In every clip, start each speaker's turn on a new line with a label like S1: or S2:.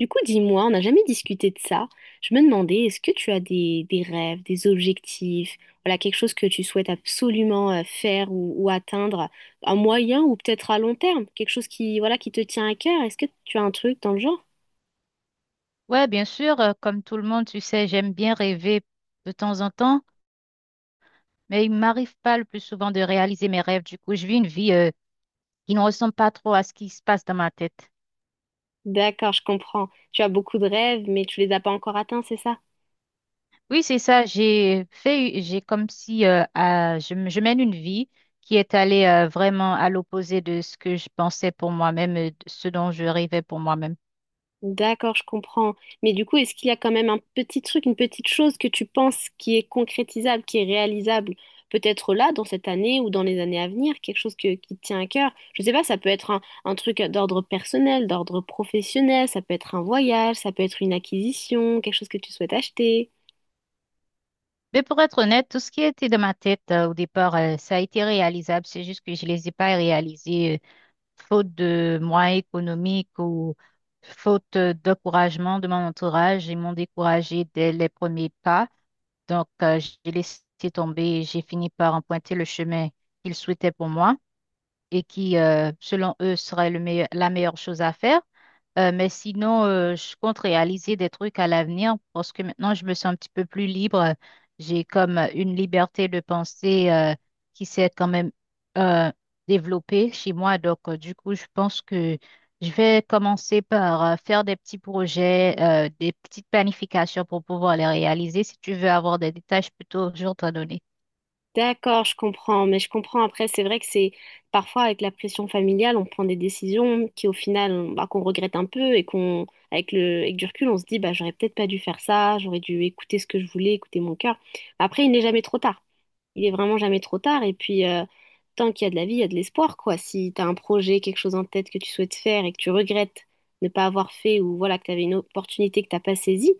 S1: Du coup, dis-moi, on n'a jamais discuté de ça. Je me demandais, est-ce que tu as des rêves, des objectifs, voilà, quelque chose que tu souhaites absolument faire ou atteindre à moyen ou peut-être à long terme, quelque chose qui, voilà, qui te tient à cœur. Est-ce que tu as un truc dans le genre?
S2: Ouais, bien sûr, comme tout le monde, tu sais, j'aime bien rêver de temps en temps, mais il m'arrive pas le plus souvent de réaliser mes rêves. Du coup, je vis une vie qui ne ressemble pas trop à ce qui se passe dans ma tête.
S1: D'accord, je comprends. Tu as beaucoup de rêves, mais tu les as pas encore atteints, c'est ça?
S2: Oui, c'est ça, j'ai comme si je mène une vie qui est allée vraiment à l'opposé de ce que je pensais pour moi-même, de ce dont je rêvais pour moi-même.
S1: D'accord, je comprends. Mais du coup, est-ce qu'il y a quand même un petit truc, une petite chose que tu penses qui est concrétisable, qui est réalisable, peut-être là, dans cette année ou dans les années à venir, qui te tient à cœur? Je sais pas, ça peut être un truc d'ordre personnel, d'ordre professionnel, ça peut être un voyage, ça peut être une acquisition, quelque chose que tu souhaites acheter.
S2: Mais pour être honnête, tout ce qui était dans ma tête au départ, ça a été réalisable, c'est juste que je les ai pas réalisés. Faute de moyens économiques ou faute d'encouragement de mon entourage, ils m'ont découragé dès les premiers pas. Donc, j'ai laissé tomber et j'ai fini par emprunter le chemin qu'ils souhaitaient pour moi et qui, selon eux, serait la meilleure chose à faire. Mais sinon, je compte réaliser des trucs à l'avenir parce que maintenant, je me sens un petit peu plus libre. J'ai comme une liberté de penser qui s'est quand même euh, développée chez moi. Donc, du coup, je pense que je vais commencer par faire des petits projets, des petites planifications pour pouvoir les réaliser. Si tu veux avoir des détails, je peux toujours t'en donner.
S1: D'accord, je comprends, mais je comprends après, c'est vrai que c'est parfois avec la pression familiale, on prend des décisions qui au final, bah, qu'on regrette un peu et qu'on, avec avec du recul, on se dit, bah, j'aurais peut-être pas dû faire ça, j'aurais dû écouter ce que je voulais, écouter mon cœur. Après, il n'est jamais trop tard. Il est vraiment jamais trop tard. Et puis, tant qu'il y a de la vie, il y a de l'espoir, quoi. Si tu as un projet, quelque chose en tête que tu souhaites faire et que tu regrettes ne pas avoir fait ou voilà, que tu avais une opportunité que t'as pas saisie,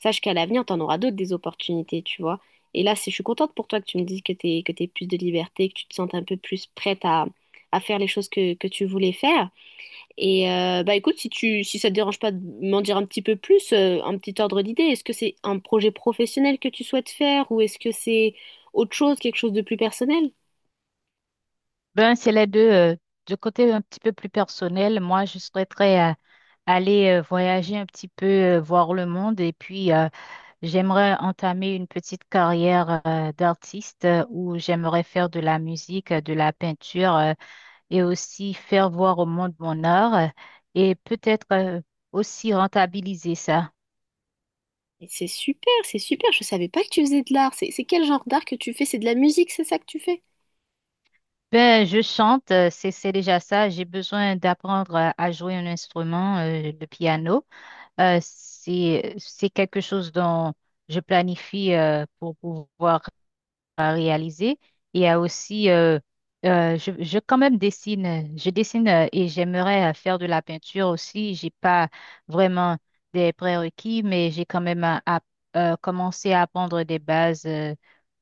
S1: sache qu'à l'avenir, tu en auras d'autres des opportunités, tu vois. Et là, je suis contente pour toi que tu me dises que t'es plus de liberté, que tu te sentes un peu plus prête à faire les choses que tu voulais faire. Et bah écoute, si ça te dérange pas de m'en dire un petit peu plus, un petit ordre d'idée, est-ce que c'est un projet professionnel que tu souhaites faire ou est-ce que c'est autre chose, quelque chose de plus personnel?
S2: Ben, c'est les deux. Du côté un petit peu plus personnel, moi, je souhaiterais aller voyager un petit peu, voir le monde. Et puis, j'aimerais entamer une petite carrière d'artiste où j'aimerais faire de la musique, de la peinture et aussi faire voir au monde mon art et peut-être aussi rentabiliser ça.
S1: Mais c'est super, c'est super, je savais pas que tu faisais de l'art. C'est quel genre d'art que tu fais? C'est de la musique, c'est ça que tu fais?
S2: Ben, je chante, c'est déjà ça. J'ai besoin d'apprendre à jouer un instrument, le piano. C'est quelque chose dont je planifie pour pouvoir réaliser. Il y a aussi, je quand même dessine, je dessine et j'aimerais faire de la peinture aussi. J'ai pas vraiment des prérequis, mais j'ai quand même commencé à apprendre des bases,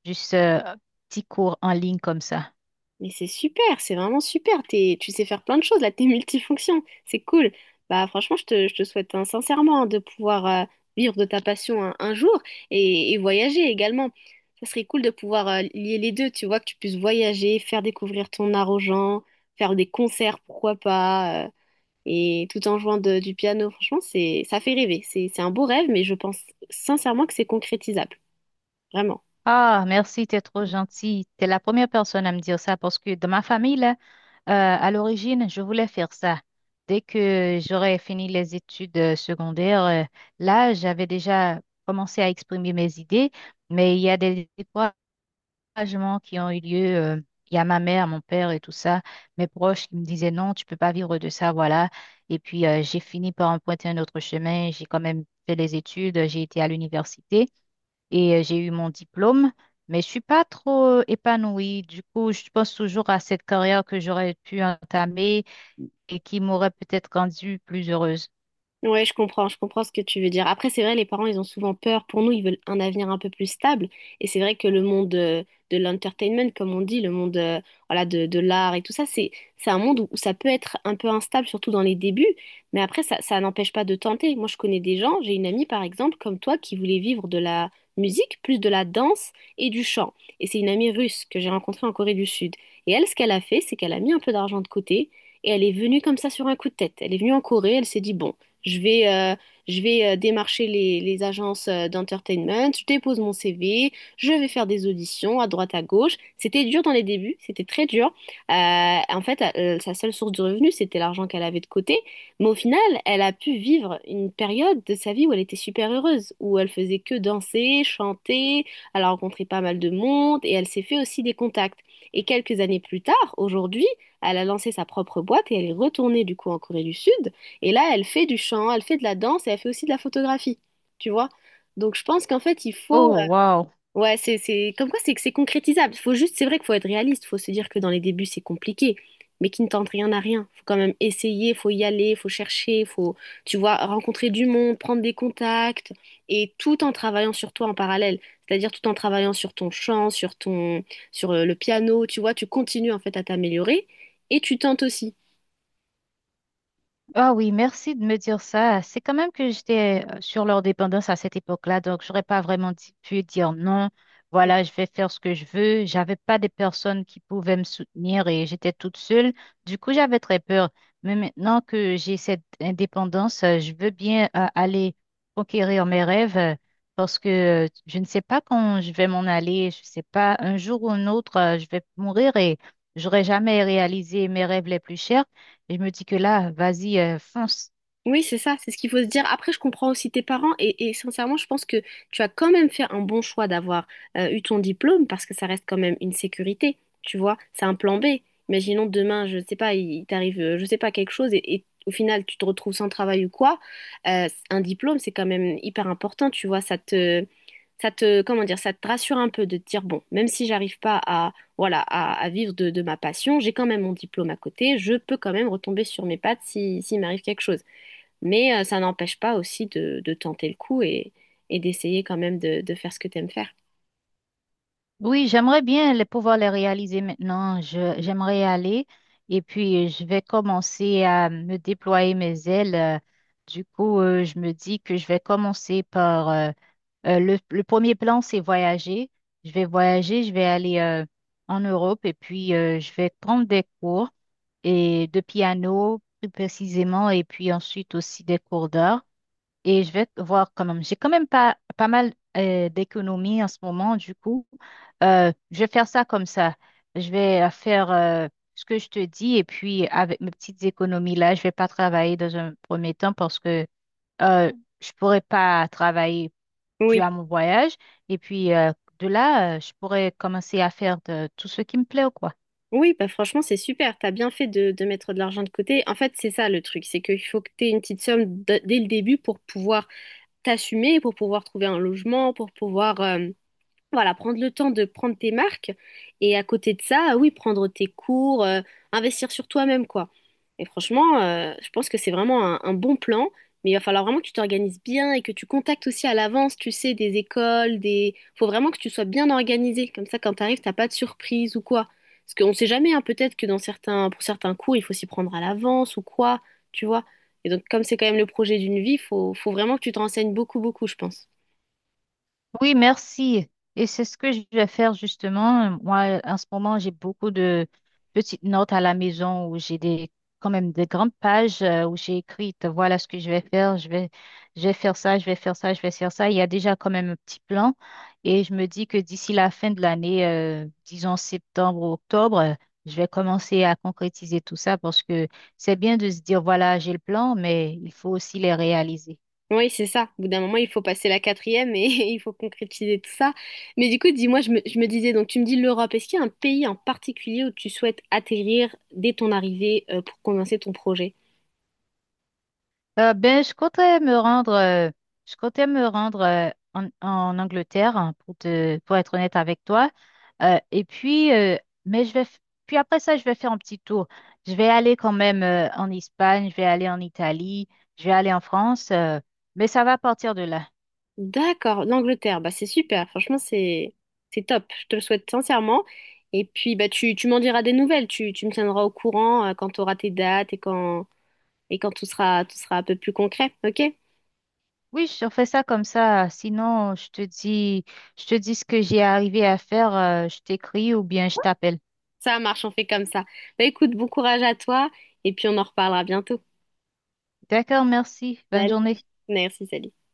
S2: juste petits cours en ligne comme ça.
S1: Mais c'est super, c'est vraiment super. T'es, tu sais faire plein de choses, là, t'es multifonction. C'est cool. Bah, franchement, je te souhaite hein, sincèrement de pouvoir vivre de ta passion un jour et voyager également. Ça serait cool de pouvoir lier les deux, tu vois, que tu puisses voyager, faire découvrir ton art aux gens, faire des concerts, pourquoi pas, et tout en du piano. Franchement, c'est, ça fait rêver. C'est un beau rêve, mais je pense sincèrement que c'est concrétisable. Vraiment.
S2: Ah, merci, t'es trop gentil. T'es la première personne à me dire ça parce que dans ma famille, là, euh, à l'origine, je voulais faire ça. Dès que j'aurais fini les études secondaires, là, j'avais déjà commencé à exprimer mes idées, mais il y a des découragements qui ont eu lieu. Il y a ma mère, mon père et tout ça, mes proches qui me disaient non, tu peux pas vivre de ça, voilà. Et puis, j'ai fini par emprunter un autre chemin. J'ai quand même fait les études, j'ai été à l'université et j'ai eu mon diplôme, mais je suis pas trop épanouie. Du coup, je pense toujours à cette carrière que j'aurais pu entamer et qui m'aurait peut-être rendue plus heureuse.
S1: Ouais, je comprends ce que tu veux dire. Après, c'est vrai, les parents, ils ont souvent peur. Pour nous, ils veulent un avenir un peu plus stable. Et c'est vrai que le monde de l'entertainment, comme on dit, le monde voilà, de l'art et tout ça, c'est un monde où ça peut être un peu instable, surtout dans les débuts. Mais après, ça n'empêche pas de tenter. Moi, je connais des gens, j'ai une amie, par exemple, comme toi, qui voulait vivre de la musique, plus de la danse et du chant. Et c'est une amie russe que j'ai rencontrée en Corée du Sud. Et elle, ce qu'elle a fait, c'est qu'elle a mis un peu d'argent de côté. Et elle est venue comme ça sur un coup de tête. Elle est venue en Corée, elle s'est dit, bon. Je vais, euh, je vais démarcher les agences d'entertainment, je dépose mon CV, je vais faire des auditions à droite à gauche. C'était dur dans les débuts, c'était très dur. Euh, en fait, sa seule source de revenus, c'était l'argent qu'elle avait de côté. Mais au final, elle a pu vivre une période de sa vie où elle était super heureuse, où elle faisait que danser, chanter, elle a rencontré pas mal de monde et elle s'est fait aussi des contacts. Et quelques années plus tard, aujourd'hui, elle a lancé sa propre boîte et elle est retournée du coup en Corée du Sud. Et là, elle fait du chant, elle fait de la danse et elle fait aussi de la photographie, tu vois. Donc je pense qu'en fait,
S2: Oh, wow!
S1: ouais, c'est... Comme quoi, c'est que c'est concrétisable. Faut juste... C'est vrai qu'il faut être réaliste. Faut se dire que dans les débuts, c'est compliqué. Mais qui ne tente rien n'a rien. Faut quand même essayer, faut y aller, faut chercher, faut, tu vois, rencontrer du monde, prendre des contacts. Et tout en travaillant sur toi en parallèle. C'est-à-dire tout en travaillant sur ton chant, sur ton... sur le piano, tu vois. Tu continues en fait à t'améliorer. Et tu tentes aussi.
S2: Ah oui, merci de me dire ça. C'est quand même que j'étais sur leur dépendance à cette époque-là, donc j'aurais pas pu dire non. Voilà, je vais faire ce que je veux. J'avais pas des personnes qui pouvaient me soutenir et j'étais toute seule. Du coup, j'avais très peur. Mais maintenant que j'ai cette indépendance, je veux bien aller conquérir mes rêves parce que je ne sais pas quand je vais m'en aller. Je sais pas, un jour ou un autre, je vais mourir et j'aurai jamais réalisé mes rêves les plus chers. Je me dis que là, vas-y, fonce.
S1: Oui, c'est ça, c'est ce qu'il faut se dire. Après, je comprends aussi tes parents et sincèrement, je pense que tu as quand même fait un bon choix d'avoir eu ton diplôme parce que ça reste quand même une sécurité, tu vois, c'est un plan B. Imaginons demain, je sais pas, il t'arrive, je sais pas, quelque chose et au final, tu te retrouves sans travail ou quoi. Un diplôme, c'est quand même hyper important, tu vois, comment dire, ça te rassure un peu de te dire, bon, même si j'arrive pas à, voilà, à vivre de ma passion, j'ai quand même mon diplôme à côté, je peux quand même retomber sur mes pattes si, s'il m'arrive quelque chose. Mais ça n'empêche pas aussi de tenter le coup et d'essayer quand même de faire ce que tu aimes faire.
S2: Oui, j'aimerais bien pouvoir les réaliser maintenant. J'aimerais y aller et puis je vais commencer à me déployer mes ailes. Du coup, je me dis que je vais commencer par le premier plan, c'est voyager. Je vais voyager, je vais aller en Europe et puis je vais prendre des cours et de piano plus précisément et puis ensuite aussi des cours d'art. Et je vais voir quand même. J'ai quand même pas mal d'économies en ce moment, du coup. Je vais faire ça comme ça. Je vais faire ce que je te dis et puis avec mes petites économies là, je vais pas travailler dans un premier temps parce que euh, je pourrais pas travailler dû
S1: Oui,
S2: à mon voyage. Et puis de là, je pourrais commencer à faire de, tout ce qui me plaît, quoi.
S1: oui, bah franchement, c'est super. T'as bien fait de mettre de l'argent de côté. En fait, c'est ça le truc, c'est qu'il faut que t'aies une petite somme dès le début pour pouvoir t'assumer, pour pouvoir trouver un logement, pour pouvoir voilà, prendre le temps de prendre tes marques et à côté de ça, oui, prendre tes cours, investir sur toi-même, quoi. Et franchement, je pense que c'est vraiment un bon plan, mais il va falloir vraiment que tu t'organises bien et que tu contactes aussi à l'avance, tu sais, des écoles, des... Faut vraiment que tu sois bien organisé, comme ça, quand t'arrives, t'as pas de surprise ou quoi. Parce qu'on sait jamais, hein, peut-être que dans certains, pour certains cours, il faut s'y prendre à l'avance ou quoi, tu vois. Et donc, comme c'est quand même le projet d'une vie, faut, faut vraiment que tu te renseignes beaucoup, beaucoup, je pense.
S2: Oui, merci. Et c'est ce que je vais faire justement. Moi, en ce moment, j'ai beaucoup de petites notes à la maison où j'ai des, quand même des grandes pages où j'ai écrites, voilà ce que je vais faire, je vais faire ça, je vais faire ça, je vais faire ça. Il y a déjà quand même un petit plan et je me dis que d'ici la fin de l'année, disons septembre ou octobre, je vais commencer à concrétiser tout ça parce que c'est bien de se dire, voilà, j'ai le plan, mais il faut aussi les réaliser.
S1: Oui, c'est ça. Au bout d'un moment, il faut passer la quatrième et il faut concrétiser tout ça. Mais du coup, dis-moi, je me disais, donc tu me dis l'Europe, est-ce qu'il y a un pays en particulier où tu souhaites atterrir dès ton arrivée pour commencer ton projet?
S2: Ben, je comptais me rendre en Angleterre hein, pour être honnête avec toi. Euh, et puis, euh, mais je vais, f- Puis après ça, je vais faire un petit tour. Je vais aller quand même en Espagne, je vais aller en Italie, je vais aller en France. Mais ça va partir de là.
S1: D'accord, l'Angleterre, bah c'est super, franchement, c'est top, je te le souhaite sincèrement. Et puis, bah tu m'en diras des nouvelles, tu me tiendras au courant quand tu auras tes dates et quand tout sera un peu plus concret, ok?
S2: Oui, je fais ça comme ça. Sinon, je te dis ce que j'ai arrivé à faire. Je t'écris ou bien je t'appelle.
S1: Ça marche, on fait comme ça. Bah écoute, bon courage à toi et puis on en reparlera bientôt.
S2: D'accord, merci. Bonne
S1: Salut.
S2: journée.
S1: Merci, salut.